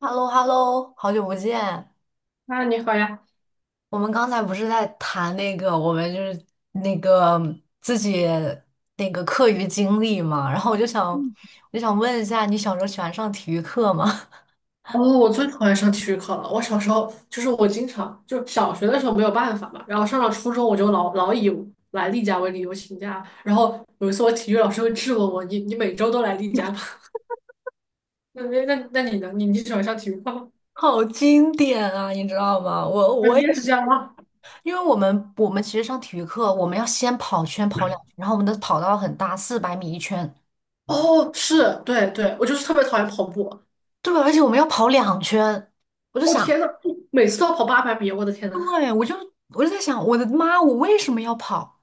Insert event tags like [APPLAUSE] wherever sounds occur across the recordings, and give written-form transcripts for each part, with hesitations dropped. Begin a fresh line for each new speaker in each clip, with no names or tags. h e l l o h e l l o 好久不见。
啊，你好呀！
我们刚才不是在谈那个，我们就是那个自己那个课余经历嘛，然后我就想问一下，你小时候喜欢上体育课吗？
哦，我最讨厌上体育课了。我小时候就是我经常就小学的时候没有办法嘛，然后上了初中我就老以来例假为理由请假。然后有一次我体育老师会质问我：“你每周都来例假吗？”
[LAUGHS]
[LAUGHS] 那你呢？你喜欢上体育课吗？
好经典啊，你知道吗？我
啊，
我
你
也，
也是这样吗？
因为我们其实上体育课，我们要先跑圈跑两圈，然后我们的跑道很大，400米一圈，
哦，是，对对，我就是特别讨厌跑步。
对，而且我们要跑两圈，我就
哦
想，
天呐，每次都要跑八百米，我的天呐！
对，我就在想，我的妈，我为什么要跑？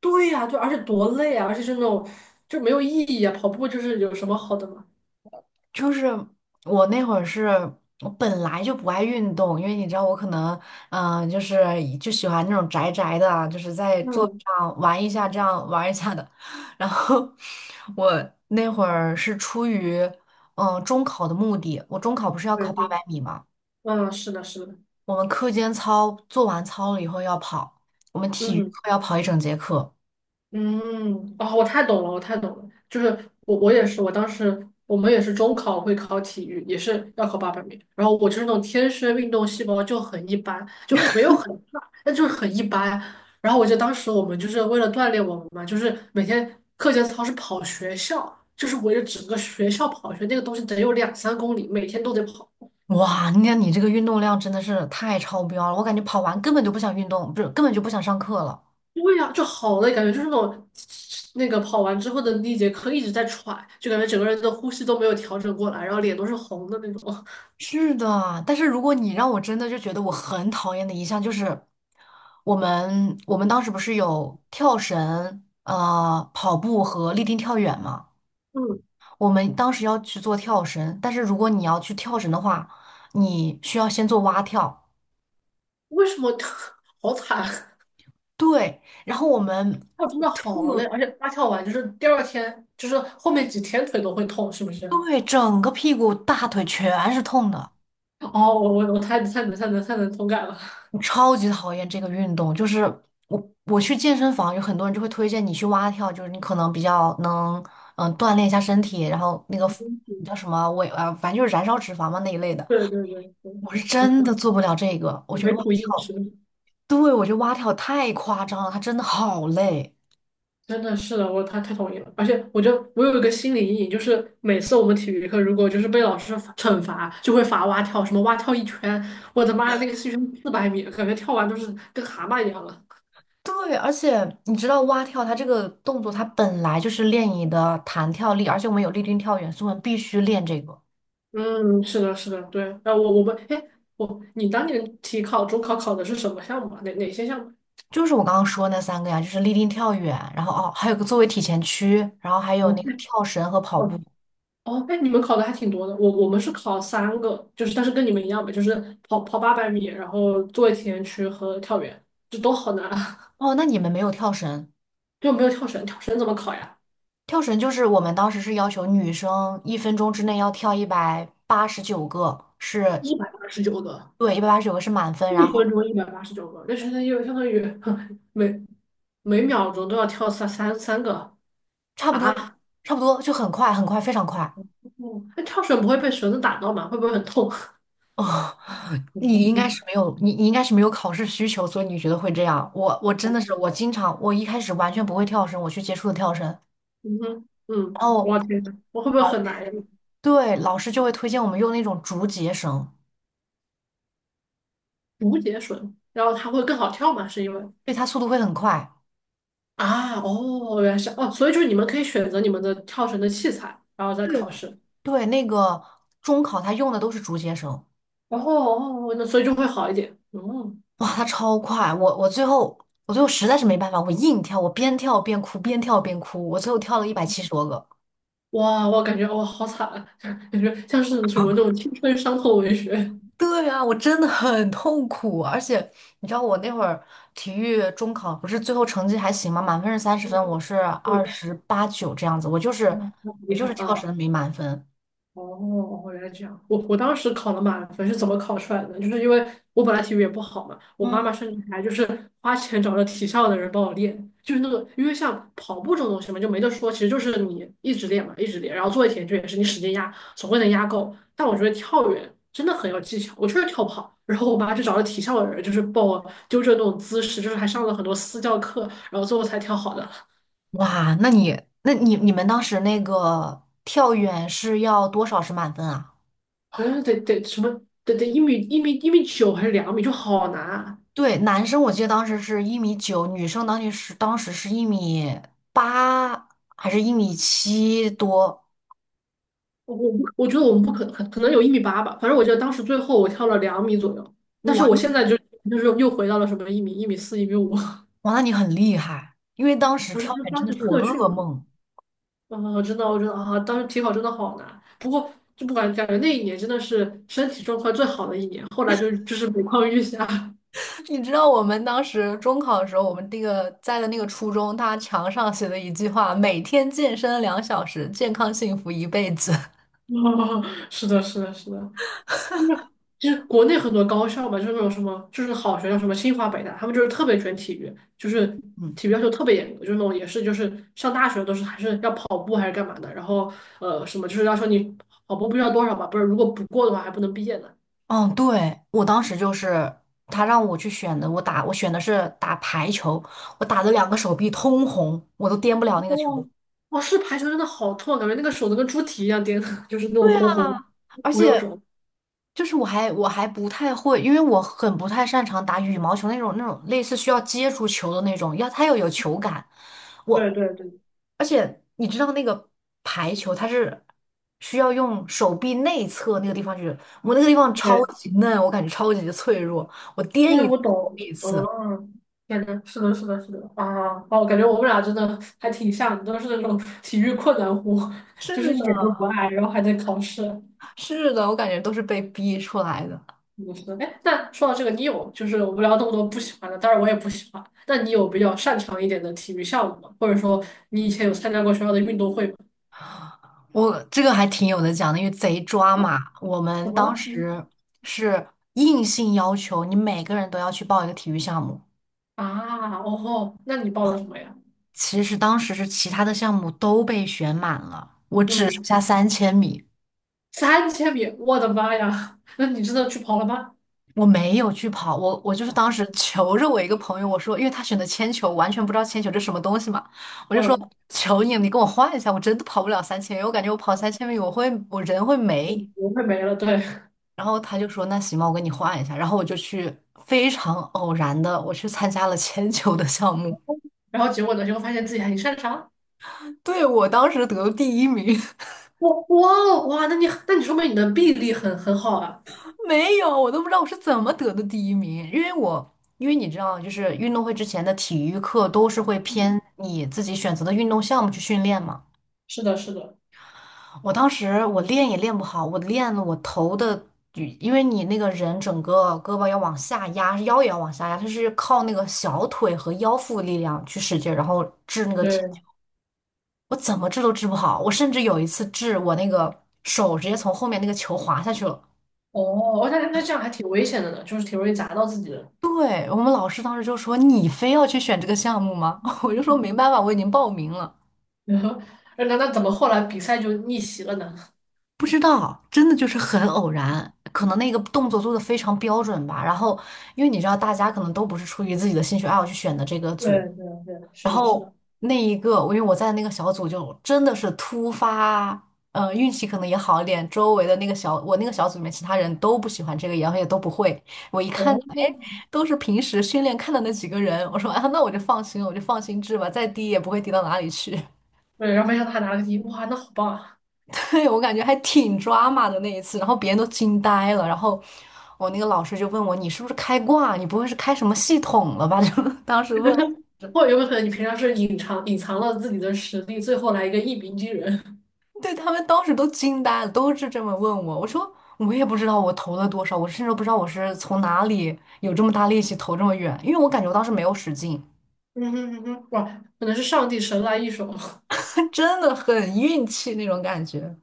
对呀，对，而且多累啊，而且是那种就没有意义啊。跑步就是有什么好的吗？
就是我那会儿是我本来就不爱运动，因为你知道我可能，就是就喜欢那种宅宅的啊就是在桌子
嗯，
上玩一下，这样玩一下的。然后我那会儿是出于中考的目的，我中考不是要
对
考八
对，
百米嘛，
嗯，是的，是的。
我们课间操做完操了以后要跑，我们体育
嗯
课要跑一整节课。
嗯，哦，我太懂了，我太懂了。就是我也是，我当时我们也是中考会考体育，也是要考八百米。然后我就是那种天生运动细胞就很一般，就没有很差，但就是很一般。然后我记得当时我们就是为了锻炼我们嘛，就是每天课间操是跑学校，就是围着整个学校跑一圈，那个东西得有两三公里，每天都得跑。
哇，你看你这个运动量真的是太超标了，我感觉跑完根本就不想运动，不是根本就不想上课了。
对呀，就好累，感觉就是那种那个跑完之后的那节课一直在喘，就感觉整个人的呼吸都没有调整过来，然后脸都是红的那种。
是的，但是如果你让我真的就觉得我很讨厌的一项就是，我们当时不是有跳绳、跑步和立定跳远嘛？
嗯，
我们当时要去做跳绳，但是如果你要去跳绳的话，你需要先做蛙跳，
为什么 [LAUGHS] 好惨啊？
对，然后我们
跳真的好累，
我
而且蛙跳完就是第二天，就是后面几天腿都会痛，是不是？
对整个屁股大腿全是痛的。
哦，我太能同感了。
我超级讨厌这个运动，就是我去健身房，有很多人就会推荐你去蛙跳，就是你可能比较能锻炼一下身体，然后那个叫什么我也啊，反正就是燃烧脂肪嘛那一类的。
[LAUGHS] 对对对对，
我是
[LAUGHS] 嗯
真的做不了这个，我觉得
没
蛙
苦硬
跳，
吃。
对，我觉得蛙跳太夸张了，它真的好累。
真的是的，我他太同意了。而且我有一个心理阴影，就是每次我们体育课如果就是被老师惩罚，就会罚蛙跳，什么蛙跳一圈，我的妈呀，那个是一圈400米，感觉跳完都是跟蛤蟆一样了。
对，而且你知道蛙跳它这个动作，它本来就是练你的弹跳力，而且我们有立定跳远，所以我们必须练这个。
嗯，是的，是的，对。我我们，哎，你当年体考、中考考的是什么项目啊？哪些项目？
就是我刚刚说那三个呀，就是立定跳远，然后哦，还有个作为体前屈，然后还有
哦，
那个跳绳和跑步。
哦，哦，哎，你们考的还挺多的。我们是考三个，就是但是跟你们一样吧，就是跑八百米，然后做一体前屈和跳远，这都好难。
哦，那你们没有跳绳？
就没有跳绳，跳绳怎么考呀？
跳绳就是我们当时是要求女生1分钟之内要跳一百八十九个，是，
一百八十九个，
对，一百八十九个是满分，然
一
后
分钟一百八十九个，那就相当于 [LAUGHS] 每每秒钟都要跳三个
差不多，
啊！
差不多就很快，很快，非常快。
嗯那跳绳不会被绳子打到吗？会不会很痛？[LAUGHS]
哦，你应该是没有，你应该是没有考试需求，所以你觉得会这样。我真的是，我经常我一开始完全不会跳绳，我去接触的跳绳。
嗯哼，嗯，
然后。
我天呐，我会不会很难呀？
对，老师就会推荐我们用那种竹节绳，
竹节绳，然后它会更好跳吗？是因为
对，它速度会很快。
啊，哦，原来是哦，所以就是你们可以选择你们的跳绳的器材，然后再
对
考
哦
试，
对，那个中考他用的都是竹节绳，
然后哦，哦那所以就会好一点，哦。
哇，它超快！我最后实在是没办法，我硬跳，我边跳边哭，边跳边哭，我最后跳了170多个。
哇，我感觉哇，好惨啊，[LAUGHS] 感觉像是什么那
[LAUGHS]
种青春伤痛文学。
对啊，我真的很痛苦，而且你知道我那会儿体育中考不是最后成绩还行吗？满分是30分，我是二
嗯，
十八九这样子，我就是
嗯，那很
我
厉
就
害
是跳
啊。
绳没满分。
哦，原来这样。我当时考了满分是怎么考出来的呢？就是因为我本来体育也不好嘛，我妈
嗯。
妈甚至还就是花钱找了体校的人帮我练，就是那个，因为像跑步这种东西嘛，就没得说，其实就是你一直练嘛，一直练，然后做一题就也是你使劲压，总会能压够。但我觉得跳远真的很有技巧，我确实跳不好。然后我妈就找了体校的人，就是帮我纠正那种姿势，就是还上了很多私教课，然后最后才跳好的，
哇，那你你们当时那个跳远是要多少是满分啊？
[LAUGHS] 好像得什么得1米9还是两米，就好难啊。
对，男生我记得当时是1米9，女生当时是1米8还是1米7多？
我不我觉得我们不可能有1米8吧，反正我记得当时最后我跳了两米左右，但是
哇，
我
那
现在就是又回到了什么1米5，
哇，那你很厉害，因为当时跳
就
远真
当
的
时
是我
特训
噩
嘛。
梦。
啊，真的我觉得啊，当时体考真的好难。不过就不管感觉那一年真的是身体状况最好的一年，后来就是每况愈下。[LAUGHS]
[LAUGHS] 你知道我们当时中考的时候，我们那个在的那个初中，他墙上写的一句话：每天健身2小时，健康幸福一辈子。[LAUGHS]
啊，是的，是的，是的。就是国内很多高校嘛，就是那种什么，就是好学校，什么清华、北大，他们就是特别卷体育，就是体育要求特别严格，就是那种也是就是上大学都是还是要跑步还是干嘛的，然后什么就是要求你跑步不知道多少嘛，不是如果不过的话还不能毕业呢。
嗯，对，我当时就是他让我去选的，我选的是打排球，我打的两个手臂通红，我都颠不了那个
哦，
球。
哦，是排球真的好痛啊，感觉那个手都跟猪蹄一样颠的 [LAUGHS] 就是那种
对
红红
啊 [LAUGHS]，而
我有
且
种。
就是我还不太会，因为我很不太擅长打羽毛球那种类似需要接触球的那种，要它要有球感。
对
我
对对
而且你知道那个排球它是需要用手臂内侧那个地方去，我那个地方超
对，
级嫩，我感觉超级脆弱，我颠
因为
一
我
次
懂，
一次。
嗯，感觉是的，是的，是的，啊，哦，感觉我们俩真的还挺像的，都是那种 [LAUGHS] 体育困难户，就
是
是一点都不
的，
爱，然后还在考试，
是的，我感觉都是被逼出来的。
嗯，是的。哎，那说到这个，你有就是我们聊那么多不喜欢的，当然我也不喜欢，那你有比较擅长一点的体育项目吗？或者说你以前有参加过学校的运动会吗？
我这个还挺有的讲的，因为贼抓马。我们
怎么
当
了？嗯，
时是硬性要求你每个人都要去报一个体育项目，
啊，哦吼，那你报了什么呀？
其实当时是其他的项目都被选满了，我只剩
嗯，
下三千米，
3000米，我的妈呀，[LAUGHS] 那你真的去跑了吗？
我没有去跑。我就是当时 [LAUGHS] 求着我一个朋友，我说，因为他选的铅球，我完全不知道铅球这什么东西嘛，我就说
嗯，
求你，你跟我换一下，我真的跑不了三千米，我感觉我跑三千米我人会没。
不会没了，对。
然后他就说：“那行吧，我给你换一下。”然后我就去非常偶然的，我去参加了铅球的项目。
然后结果呢，就会发现自己还挺擅长。
[LAUGHS] 对，我当时得了第一名，
哇哇哦哇，那你说明你的臂力很好啊。
[LAUGHS] 没有，我都不知道我是怎么得的第一名，因为我。因为你知道，就是运动会之前的体育课都是会
嗯，
偏你自己选择的运动项目去训练嘛。
是的，是的，
我当时我练也练不好，我练了我头的，因为你那个人整个胳膊要往下压，腰也要往下压，它是靠那个小腿和腰腹力量去使劲，然后掷那个
对。
我怎么治都治不好，我甚至有一次治我那个手直接从后面那个球滑下去了。
哦，我感觉那这样还挺危险的呢，就是挺容易砸到自己的。
对，我们老师当时就说：“你非要去选这个项目吗？” [LAUGHS] 我就说：“没办法，我已经报名了。”
[LAUGHS] 然后，那怎么后来比赛就逆袭了呢？
不知道，真的就是很偶然，可能那个动作做的非常标准吧。然后，因为你知道，大家可能都不是出于自己的兴趣爱好去选的这个
对
组，
对对，是
然
的，是的。
后那一个，因为我在那个小组就真的是突发，运气可能也好一点，周围的那个小，我那个小组里面其他人都不喜欢这个，然后也都不会。我一看，
哦，
哎，都是平时训练看的那几个人，我说啊，那我就放心了，我就放心治吧，再低也不会低到哪里去。[LAUGHS]
对，然后没想到他拿了个第一，哇，那好棒啊！
对，我感觉还挺 drama 的那一次，然后别人都惊呆了，然后我那个老师就问我，你是不是开挂？你不会是开什么系统了吧？[LAUGHS] 就当时问。
或者有没有可能你平常是隐藏隐藏了自己的实力，最后来一个一鸣惊人？[LAUGHS]
对他们当时都惊呆了，都是这么问我。我说我也不知道我投了多少，我甚至都不知道我是从哪里有这么大力气投这么远，因为我感觉我当时没有使劲，
嗯哼嗯哼，哇，可能是上帝神来一手。[LAUGHS]
[LAUGHS] 他真的很运气那种感觉。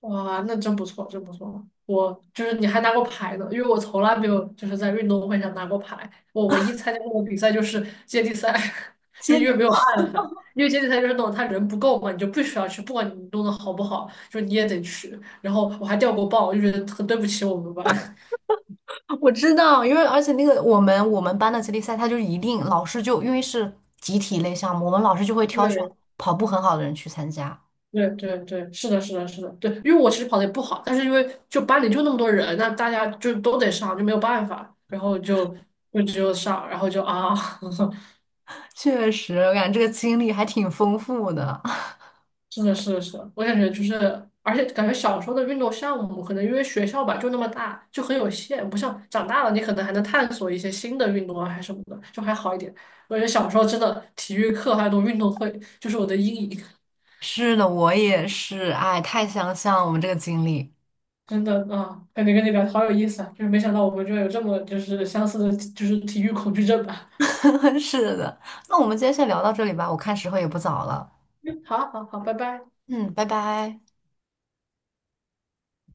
哇，那真不错，真不错。我就是你还拿过牌呢，因为我从来没有就是在运动会上拿过牌。我唯一参加过的比赛就是接力赛，[LAUGHS] 就因为
接
没有办法，因为接力赛就是那种他人不够嘛，你就必须要去，不管你弄得好不好，就你也得去。然后我还掉过棒，我就觉得很对不起我们班。[LAUGHS]
我知道，因为而且那个我们班的接力赛，他就是一定老师就因为是集体类项目，我们老师就会挑选
对
跑步很好的人去参加。
对对对，是的，是的，是的，对，因为我其实跑得也不好，但是因为就班里就那么多人，那大家就都得上，就没有办法，然后就只有上，然后就啊。[LAUGHS]
确实，我感觉这个经历还挺丰富的。[LAUGHS]
是的，是的，是的，我感觉就是，而且感觉小时候的运动项目，可能因为学校吧就那么大，就很有限，不像长大了你可能还能探索一些新的运动啊，还什么的，就还好一点。我觉得小时候真的体育课还有那种运动会，就是我的阴影，
是的，我也是，哎，太相像我们这个经历。
真的啊，感觉跟你聊好有意思啊，就是没想到我们居然有这么就是相似的，就是体育恐惧症吧。
[LAUGHS] 是的，那我们今天先聊到这里吧，我看时候也不早了。
[LAUGHS] 好好好，拜拜。
嗯，拜拜。